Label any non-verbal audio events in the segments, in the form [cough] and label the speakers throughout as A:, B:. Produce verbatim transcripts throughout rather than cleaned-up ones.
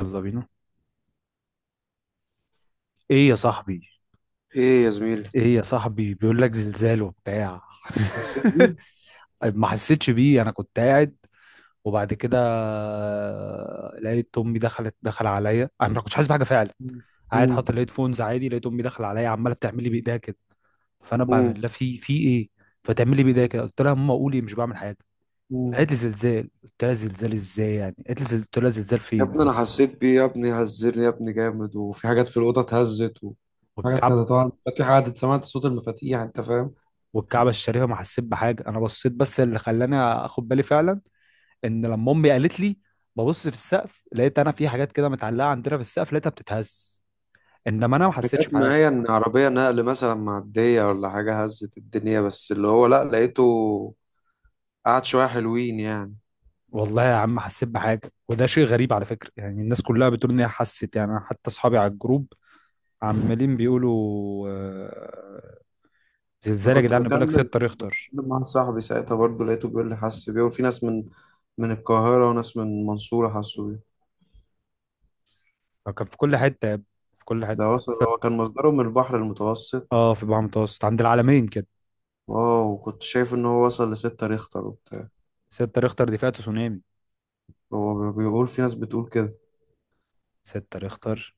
A: يلا بينا. ايه يا صاحبي؟
B: ايه يا زميلي.
A: ايه يا صاحبي، بيقول لك زلزال وبتاع.
B: حسيت بيه.
A: [laughs] ما حسيتش بيه، انا كنت قاعد. وبعد كده آه، لقيت امي دخلت دخل عليا، انا ما كنتش حاسس بحاجه فعلا.
B: مم.
A: قاعد حاطط
B: مم.
A: الهيدفونز عادي، لقيت امي داخله عليا، عماله بتعمل لي بايديها كده. فانا بعمل
B: مم.
A: لها في في ايه؟ فتعمل لي بايديها كده، قلت لها ماما قولي، مش بعمل حاجه.
B: مم.
A: قالت لي زلزال، قلت لها زلزال ازاي يعني؟ قالت لي زل- قلت لها زلزال
B: يا
A: فين؟
B: ابني انا حسيت بيه يا ابني، هزرني يا ابني جامد، وفي حاجات في الاوضه اتهزت و... حاجات
A: والكعب،
B: كده. طبعا المفاتيح، قعدت سمعت صوت المفاتيح، انت فاهم.
A: والكعبه الشريفه ما حسيت بحاجه، انا بصيت. بس اللي خلاني اخد بالي فعلا، ان لما امي قالت لي، ببص في السقف لقيت انا في حاجات كده متعلقه عندنا في السقف، لقيتها بتتهز. انما انا ما
B: أنا
A: حسيتش
B: جت
A: بحاجه.
B: معايا ان عربيه نقل مثلا معديه ولا حاجه هزت الدنيا، بس اللي هو لا، لقيته قعد شويه حلوين يعني.
A: والله يا عم حسيت بحاجه، وده شيء غريب على فكره، يعني الناس كلها بتقول ان هي حست، يعني أنا حتى اصحابي على الجروب عمالين بيقولوا آه،
B: انا
A: زلزال يا
B: كنت
A: جدعان، بيقول لك
B: بكلم
A: 6
B: كنت
A: ريختر.
B: بكلم مع صاحبي ساعتها، برضه لقيته بيقول لي حس بيه، وفي ناس من من القاهره وناس من المنصوره حسوا بيه.
A: كان في كل حته يا ابني، في كل حته.
B: ده وصل،
A: في-
B: هو كان مصدره من البحر المتوسط.
A: اه في بحر متوسط عند العالمين كده.
B: اه، وكنت شايف ان هو وصل لستة ريختر وبتاع.
A: 6 ريختر دي فئة تسونامي.
B: هو بيقول في ناس بتقول كده.
A: 6 ريختر،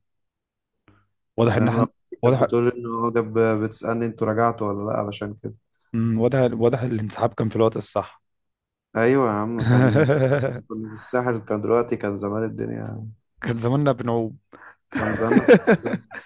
A: واضح
B: يعني
A: ان
B: انا لو
A: احنا،
B: كانت
A: واضح.
B: بتقول ان هو جاب، بتسألني انتوا رجعتوا ولا لا، علشان كده.
A: مم. واضح، واضح الانسحاب كان في الوقت الصح.
B: ايوه يا عم، كان
A: [laughs]
B: كنا في الساحل، كان دلوقتي كان زمان الدنيا يعني.
A: كان زماننا بنعوم.
B: كان زماننا في القصة ده.
A: [laughs]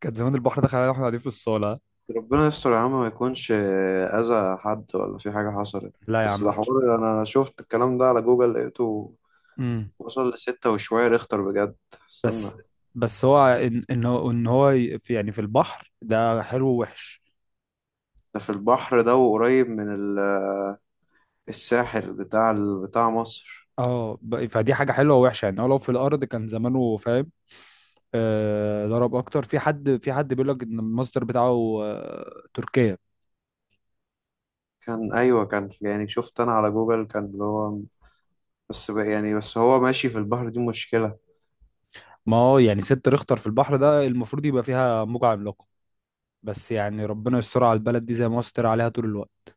A: كان زمان البحر دخل علينا واحنا قاعدين في الصالة.
B: ربنا يستر يا عم، ما يكونش اذى حد ولا في حاجة حصلت.
A: لا يا
B: بس
A: عم.
B: ده حوار، انا شفت الكلام ده على جوجل، لقيته
A: امم.
B: وصل لستة وشوية ريختر بجد. استنى،
A: بس بس هو ان ان هو ان هو ي- في يعني في البحر ده حلو ووحش.
B: ده في البحر، ده وقريب من ال- الساحل بتاع ال- بتاع مصر.
A: اه، ب- فدي حاجة حلوة ووحشة، يعني هو لو في الأرض كان زمانه، فاهم؟ آه، ضرب أكتر، في حد في حد بيقول لك إن المصدر بتاعه آه تركيا.
B: كان ايوه كان يعني، شفت انا على جوجل كان اللي هو بس بقى، يعني بس هو ماشي في البحر، دي مشكلة.
A: ما هو يعني ست ريختر في البحر ده المفروض يبقى فيها موجة عملاقة. بس يعني ربنا يستر على البلد دي زي ما هو ستر عليها طول الوقت.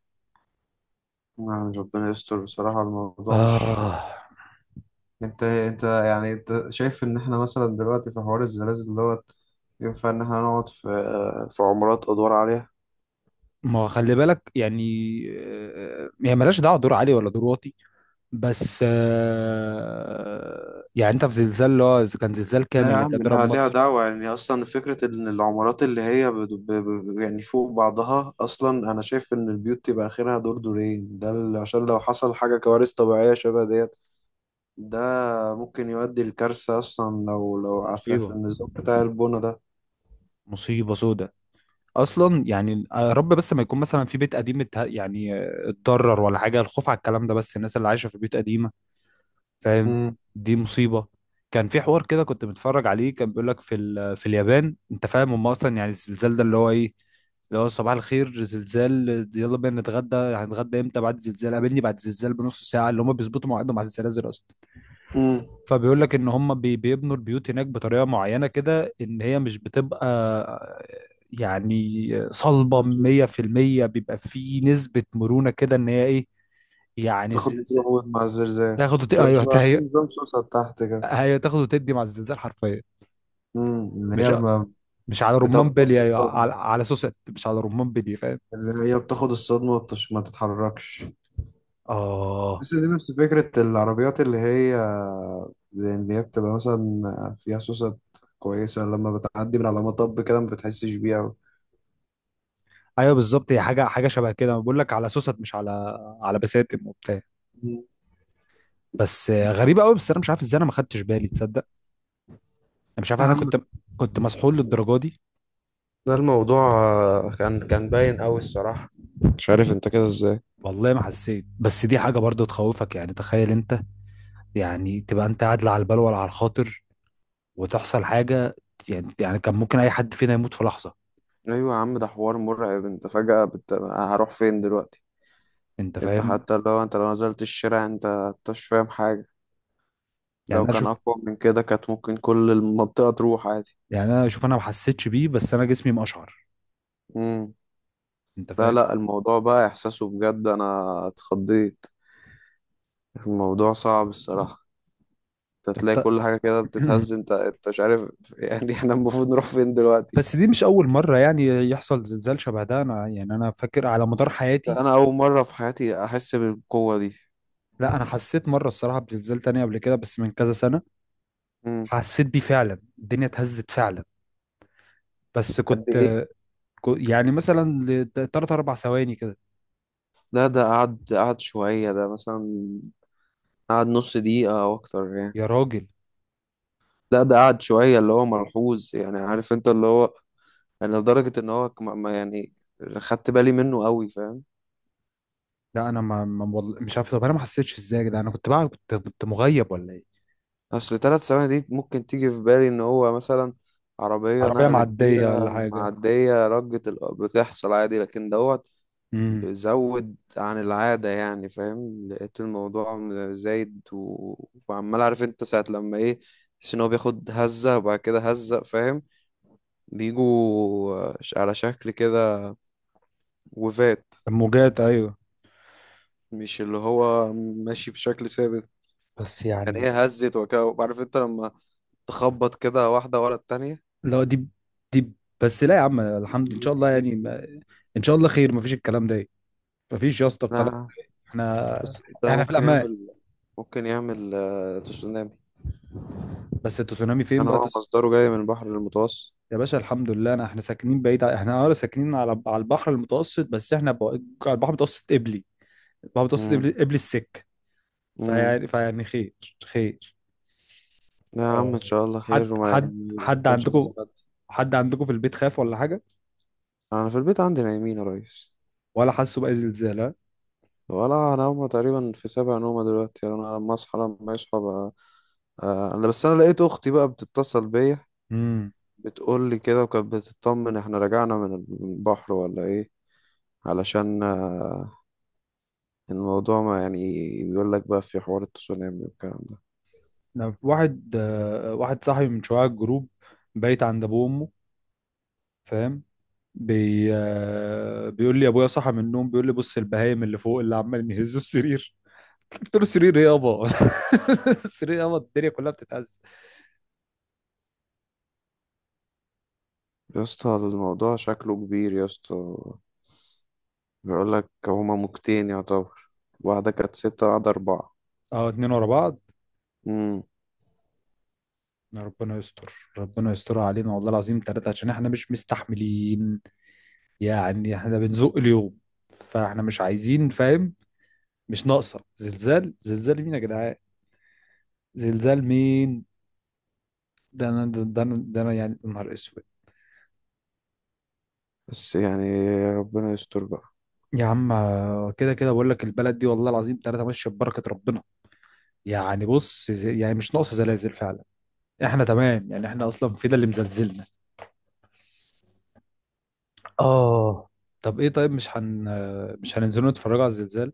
B: يعني ربنا يستر بصراحة. الموضوع مش،
A: آه.
B: انت انت يعني، انت شايف ان احنا مثلا دلوقتي في حوار الزلازل دوت ينفع ان احنا نقعد في في عمارات ادوار عليها؟
A: ما هو خلي بالك يعني. آه، يعني ملهاش دعوه دور عالي ولا دور واطي. بس آه، يعني انت في زلزال اللي هو، إذا كان زلزال كامل
B: لا يا
A: اللي كان
B: عم،
A: ضرب
B: ليها ليها
A: مصر.
B: دعوة. يعني اصلا فكرة ان العمارات اللي هي بد- ب... ب... يعني فوق بعضها، اصلا انا شايف ان البيوت تبقى اخرها دور دورين، ده ال- عشان لو حصل حاجة كوارث طبيعية شبه ديت، ده ممكن يؤدي لكارثة أصلا، لو لو في في
A: مصيبه،
B: النظام بتاع البنا ده.
A: مصيبه سودة. اصلا يعني، آه، يا رب بس ما يكون مثلا في بيت قديم اتها- يعني آه، اتضرر ولا حاجه، الخوف على الكلام ده بس الناس اللي عايشه في بيوت قديمه، فاهم،
B: مم.
A: دي مصيبه. كان في حوار كده كنت متفرج عليه، كان بيقول لك في ال- في اليابان، انت فاهم، هم اصلا يعني الزلزال ده اللي هو ايه، اللي هو صباح الخير زلزال، يلا بينا نتغدى، هنتغدى امتى؟ بعد الزلزال. قابلني بعد الزلزال بنص ساعه. اللي هم بيظبطوا مواعيدهم على الزلازل اصلا.
B: امم.
A: فبيقول لك ان هم بي- بيبنوا البيوت هناك بطريقه معينه كده، ان هي مش بتبقى يعني صلبه مية في المية، بيبقى في نسبه مرونه كده، ان هي ايه، يعني
B: تاخد
A: الزلزال،
B: بتروح مع الزلزال،
A: تاخد وت...
B: تبقى
A: ايوه،
B: شبه في
A: هي،
B: نظام سوسة تحت كده.
A: هي تاخد وتدي مع الزلزال حرفيا.
B: امم، اللي
A: مش
B: هي ما،
A: مش على رمان
B: بتمتص
A: بلي، ايوه،
B: الصدمة،
A: على على سوست، مش على رمان بلي، فاهم.
B: اللي هي بتاخد الصدمة وبتش... ما تتحركش.
A: اه،
B: بس دي نفس فكرة العربيات اللي هي، اللي هي بتبقى مثلا فيها سوسة كويسة، لما بتعدي من على مطب كده ما بتحسش بيها.
A: ايوه، بالظبط، هي حاجه حاجه شبه كده، بقول لك على سوست، مش على على بساتم وبتاع.
B: مم.
A: بس آه، غريبه قوي، بس انا مش عارف ازاي انا ما خدتش بالي، تصدق. انا مش عارف،
B: يا
A: انا
B: عم،
A: كنت كنت مسحول للدرجه دي.
B: ده الموضوع آه، كان كان باين قوي الصراحة، مش عارف انت كده ازاي.
A: والله ما حسيت، بس دي حاجه برضو تخوفك، يعني تخيل انت، يعني تبقى انت قاعد لا على البال ولا على الخاطر، وتحصل حاجه، يعني يعني كان ممكن اي حد فينا يموت في لحظه،
B: ايوه يا عم، ده حوار مرعب. انت فجأة بت... هروح فين دلوقتي؟
A: انت
B: انت
A: فاهم؟
B: حتى لو انت لو نزلت الشارع، انت انت مش فاهم حاجة.
A: يعني
B: لو
A: انا
B: كان
A: شوف
B: اقوى من كده كانت ممكن كل المنطقة تروح عادي.
A: يعني انا شوف انا ما حسيتش بيه، بس انا جسمي مقشعر،
B: امم.
A: انت
B: لا
A: فاهم؟
B: لا، الموضوع بقى احساسه بجد، انا اتخضيت. الموضوع صعب الصراحة. انت
A: طب
B: تلاقي
A: ت-
B: كل حاجة كده بتتهز،
A: [clears throat]
B: انت انت مش عارف [laughs] يعني احنا المفروض نروح فين دلوقتي؟
A: بس دي مش أول مرة يعني يحصل زلزال شبه ده. أنا يعني أنا فاكر على مدار حياتي،
B: ده انا اول مرة في حياتي احس بالقوة دي.
A: لا، أنا حسيت مرة الصراحة بزلزال تاني قبل كده، بس من كذا سنة،
B: امم.
A: حسيت بيه فعلا، الدنيا اتهزت فعلا. بس
B: قد
A: كنت،
B: ايه؟
A: كو- يعني مثلا لتلات أربع ثواني كده.
B: لا ده قعد، قعد شوية ده مثلا، قعد نص دقيقة أو أكتر يعني.
A: يا راجل.
B: لا ده قعد شوية اللي هو ملحوظ، يعني عارف أنت اللي هو، يعني لدرجة إن هو كم- ما يعني، خدت بالي منه قوي، فاهم.
A: لا، أنا ما ما- والله مش عارف، طب أنا ما حسيتش إزاي، ده أنا كنت بقى كنت كنت مغيب ولا إيه.
B: أصل تلات ثواني دي ممكن تيجي في بالي إن هو مثلا عربية
A: عربية
B: نقل
A: معدية ولا
B: كبيرة
A: حاجة.
B: معدية، رجة ال- بتحصل عادي، لكن دوت
A: امم.
B: بزود عن العادة، يعني فاهم، لقيت الموضوع زايد و... وعمال، عارف أنت ساعة لما إيه، تحس ان هو بياخد هزة وبعد كده هزة، فاهم، بيجوا ش- على شكل كده وفات.
A: الموجات، أيوه.
B: مش اللي هو ماشي بشكل ثابت،
A: بس
B: يعني
A: يعني.
B: هي هزت وكده، عارف انت لما تخبط كده واحدة ورا التانية.
A: لا، دي دي بس. لا يا عم الحمد، ان شاء الله يعني ما- ان شاء الله خير، ما فيش الكلام ده، مفيش يا اسطى الكلام.
B: ده
A: احنا
B: بس ده
A: احنا في
B: ممكن
A: الامان.
B: يعمل، ممكن يعمل آه، تسونامي،
A: بس التسونامي فين
B: عشان
A: بقى،
B: هو
A: تس...
B: مصدره جاي من البحر المتوسط.
A: يا باشا الحمد لله، انا احنا ساكنين بعيد، ع- احنا اه ساكنين على على البحر المتوسط، بس احنا بقى، على البحر المتوسط قبلي. البحر المتوسط
B: امم.
A: قبلي قبلي السكه.
B: امم.
A: فيعني فيعني خير. خير.
B: لا يا عم،
A: اه،
B: ان شاء الله خير،
A: حد
B: وما
A: حد
B: يعني
A: حد
B: يكونش لازم
A: عندكم،
B: حد.
A: حد عندكم في البيت خاف ولا حاجه،
B: انا في البيت عندي نايمين يا ريس.
A: ولا حسوا باي زلزال، ها؟
B: ولا انا، هما تقريبا في سابع نومة دلوقتي، يعني انا لما اصحى لما يصحى. آه، انا بس، انا لقيت اختي بقى بتتصل بيا،
A: امم.
B: بتقول لي كده، وكانت بتطمن احنا رجعنا من البحر ولا ايه، علشان آه، الموضوع ما يعني، بيقول لك بقى في حوار التسونامي والكلام ده.
A: انا في واحد آه، واحد صاحبي من شويه على الجروب، بيت عند ابوه وامه، فاهم، بي... آه، بيقول لي ابويا صحى من النوم، بيقول لي بص البهايم اللي فوق اللي عمالين يهزوا السرير. [laughs] قلت له السرير ايه يابا، [laughs] السرير يابا الدنيا كلها بتتهز.
B: يا اسطى الموضوع شكله كبير يا اسطى. بيقول لك هما موجتين يعتبر، واحدة كانت ستة واحدة أربعة.
A: اه، اتنين ورا بعض.
B: امم.
A: يا ربنا يستر، ربنا يسترها علينا والله العظيم ثلاثة، عشان احنا مش مستحملين، يعني احنا بنزق اليوم، فاحنا مش عايزين، فاهم، مش ناقصة زلزال. زلزال مين يا جدعان؟ زلزال مين؟ ده انا ده ده انا ده أنا يعني، يا نهار اسود.
B: بس يعني ربنا يستر بقى.
A: يا عم، آه، كده كده بقول لك، البلد دي والله العظيم ثلاثة ماشية ببركة ربنا، يعني بص، ز- يعني مش ناقصه زلازل فعلا. احنا تمام، يعني احنا اصلا في ده اللي مزلزلنا. اه. طب ايه، طيب مش هن مش هننزلوا نتفرجوا على الزلزال؟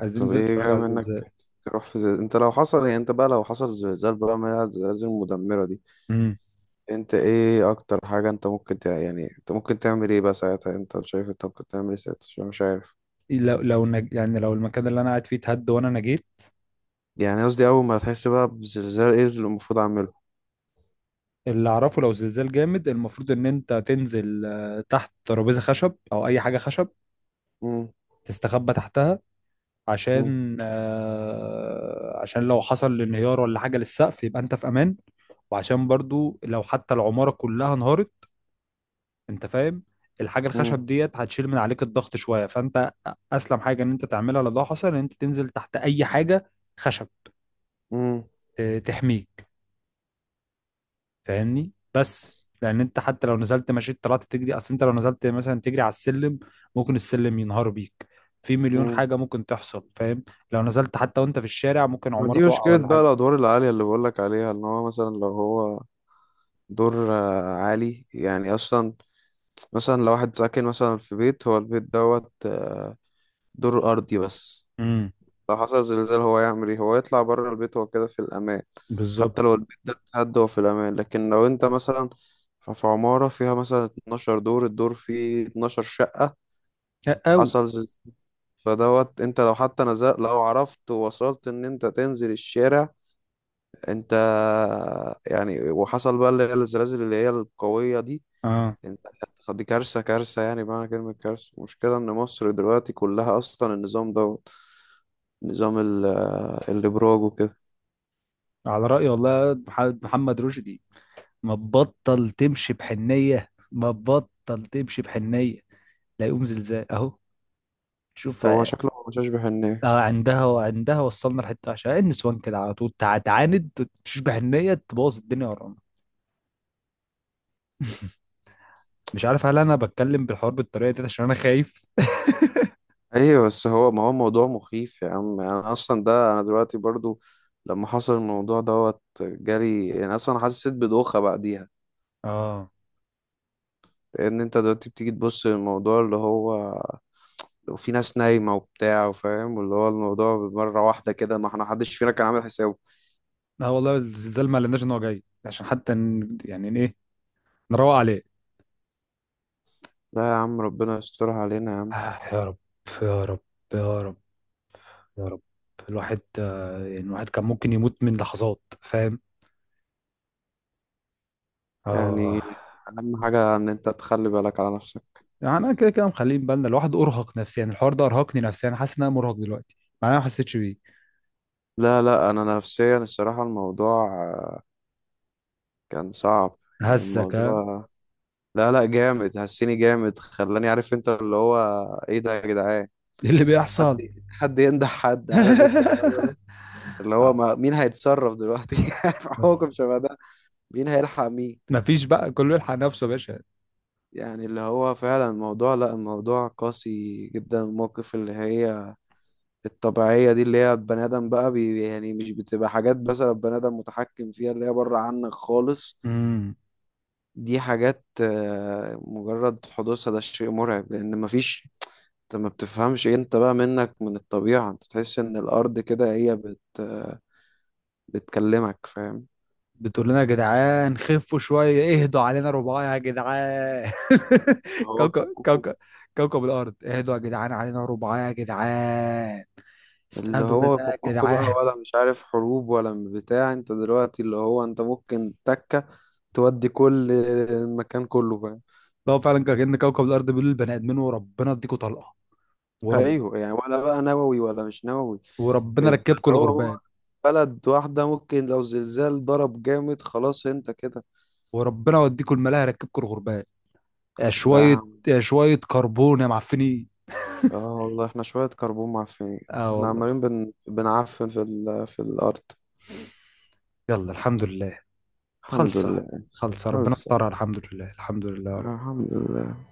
A: عايزين
B: طب
A: ننزل
B: ايه
A: نتفرج
B: جاي
A: على
B: منك،
A: الزلزال.
B: ت- تروح في زي... انت لو حصل، يعني انت بقى لو حصل زلزال بقى، ما هي الزلازل المدمرة دي،
A: امم.
B: انت ايه اكتر حاجة انت ممكن تع... يعني انت ممكن تعمل ايه بقى ساعتها، انت شايف انت ممكن تعمل ايه ساعتها، عشان مش عارف.
A: لو لو نج... يعني لو المكان اللي انا قاعد فيه اتهد وانا نجيت.
B: يعني قصدي اول ما تحس بقى بزلزال، ايه اللي المفروض اعمله؟
A: اللي اعرفه لو زلزال جامد، المفروض ان انت تنزل آه، تحت ترابيزه خشب او اي حاجه خشب،
B: مم،
A: تستخبى تحتها،
B: مم،
A: عشان آه، عشان لو حصل انهيار ولا حاجه للسقف يبقى انت في امان، وعشان برضو لو حتى العماره كلها انهارت، انت فاهم، الحاجه
B: مم،
A: الخشب ديت هتشيل من عليك الضغط شويه، فانت اسلم حاجه ان انت تعملها لو ده حصل، ان انت تنزل تحت اي حاجه خشب
B: مم،
A: ت- تحميك، فاهمني. بس لان انت حتى لو نزلت مشيت طلعت تجري، اصل انت لو نزلت مثلا تجري على السلم، ممكن السلم ينهار بيك، في مليون
B: مم.
A: حاجه ممكن تحصل، فاهم؟ لو نزلت حتى وانت في الشارع، ممكن
B: ما
A: عماره
B: دي
A: توقع
B: مشكلة
A: ولا
B: بقى،
A: حاجه.
B: الادوار العالية اللي بقولك عليها، ان هو مثلا لو هو دور آه، عالي يعني اصلا. مثلا لو واحد ساكن مثلا في بيت، هو البيت دوت آه، دور ارضي بس،
A: امم.
B: لو حصل زلزال هو يعمل ايه؟ هو يطلع بره البيت هو كده في الامان. حتى
A: بالظبط.
B: لو البيت ده اتهد هو في الامان. لكن لو انت مثلا ف- في عمارة فيها مثلا اتناشر دور، الدور فيه اتناشر شقة،
A: او.
B: حصل زلزال، فدوت انت لو حتى نزلت، لو عرفت ووصلت ان انت تنزل الشارع، انت، يعني وحصل بقى اللي هي الزلازل اللي هي القوية دي،
A: اه.
B: انت هتاخد- دي كارثة كارثة، يعني بمعنى كلمة كارثة. المشكلة ان مصر دلوقتي كلها اصلا النظام دوت، نظام ال- الابراج وكده.
A: على راي، والله، مح- محمد رشدي، ما تبطل تمشي بحنية، ما تبطل تمشي بحنية، لا يقوم زلزال اهو. تشوف،
B: هو
A: ع-
B: شكله مش اشبه الناس.
A: آه، عندها وعندها، وصلنا لحتة، عشان النسوان كده على طول تع- تعاند، تشوش بحنية، تبوظ الدنيا ورانا. مش عارف هل انا بتكلم بالحوار بالطريقة دي عشان انا خايف؟ [laughs]
B: ايوه، بس هو ما هو موضوع مخيف يا عم، يعني انا اصلا ده انا دلوقتي برضو لما حصل الموضوع دوت جالي، انا اصلا حسيت بدوخة بعديها،
A: اه.
B: لان انت دلوقتي بتيجي تبص للموضوع اللي هو، وفي ناس نايمة وبتاع وفاهم، واللي هو الموضوع مرة واحدة كده، ما احنا محدش فينا كان عامل حسابه.
A: لا والله، الزلزال ما قالناش ان هو جاي عشان حتى ن- يعني ن- ايه، نروق عليه.
B: لا يا عم ربنا يسترها علينا يا عم.
A: آه، يا رب. يا رب. يا رب. يا رب. الواحد آه، يعني الواحد كان ممكن يموت من لحظات، فاهم؟ اه.
B: يعني أهم حاجة إن أنت تخلي بالك على نفسك.
A: يعني انا كده كده مخليه بالنا، الواحد ارهق نفسيا، الحوار ده ارهقني نفسيا، حاسس ان انا مرهق دلوقتي، مع إن انا ما حسيتش بيه.
B: لا لا أنا نفسيا الصراحة الموضوع آه، كان صعب. يعني
A: هزك، ها؟
B: الموضوع، لا لا جامد، هسيني جامد، خلاني عارف أنت اللي هو، إيه ده يا جدعان؟
A: إيه اللي
B: حد،
A: بيحصل؟
B: حد ينده، حد، عارف أنت الجو ده،
A: [laughs]
B: اللي هو
A: آه،
B: ما مين هيتصرف دلوقتي؟ [laughs] في
A: مف-
B: حكم شبه ده، مين هيلحق مين؟
A: مفيش بقى، كله يلحق نفسه يا باشا.
B: يعني اللي هو فعلا الموضوع، لا الموضوع قاسي جدا، الموقف اللي هي الطبيعية دي، اللي هي البني آدم بقى بي، يعني مش بتبقى حاجات مثلا البني آدم متحكم فيها، اللي هي بره عنك خالص.
A: امم.
B: دي حاجات آه، مجرد حدوثها ده شيء مرعب، لأن مفيش، انت ما بتفهمش إيه، انت بقى منك من الطبيعة، انت تحس ان الأرض كده هي بت آه، بتكلمك، فاهم.
A: بتقول لنا يا جدعان خفوا شويه، اهدوا علينا رباعي يا جدعان.
B: اللي
A: [laughs]
B: هو
A: كوكب
B: فككوا،
A: كوكب كوكب الارض اهدوا يا جدعان، علينا رباعي يا جدعان،
B: اللي
A: استهدوا
B: هو
A: بالله يا
B: فككوا بقى
A: جدعان.
B: ولا مش عارف، حروب ولا بتاع، انت دلوقتي اللي هو انت ممكن تكة تودي كل المكان كله، فاهم.
A: [laughs] هو فعلا كان كوكب الارض بيقول للبني ادمين، وربنا اديكوا طلقه، ورب
B: ايوه يعني، ولا بقى نووي ولا مش نووي.
A: وربنا
B: انت
A: ركبكم
B: اللي هو
A: الغربان،
B: هو، بلد واحدة ممكن لو زلزال ضرب جامد خلاص انت كده.
A: وربنا يوديكم الملاهي، ركبكم الغربان، يا
B: لا يا
A: شويه
B: عم.
A: يا شويه كربون يا معفنين.
B: اه والله احنا شوية كربون معفنين،
A: اه
B: احنا
A: والله.
B: عمالين بن... بنعفن في ال... في الأرض.
A: يلا الحمد لله.
B: الحمد
A: خلصه،
B: لله.
A: خلصه ربنا
B: بس
A: استرها، الحمد لله، الحمد لله يا رب.
B: الحمد لله.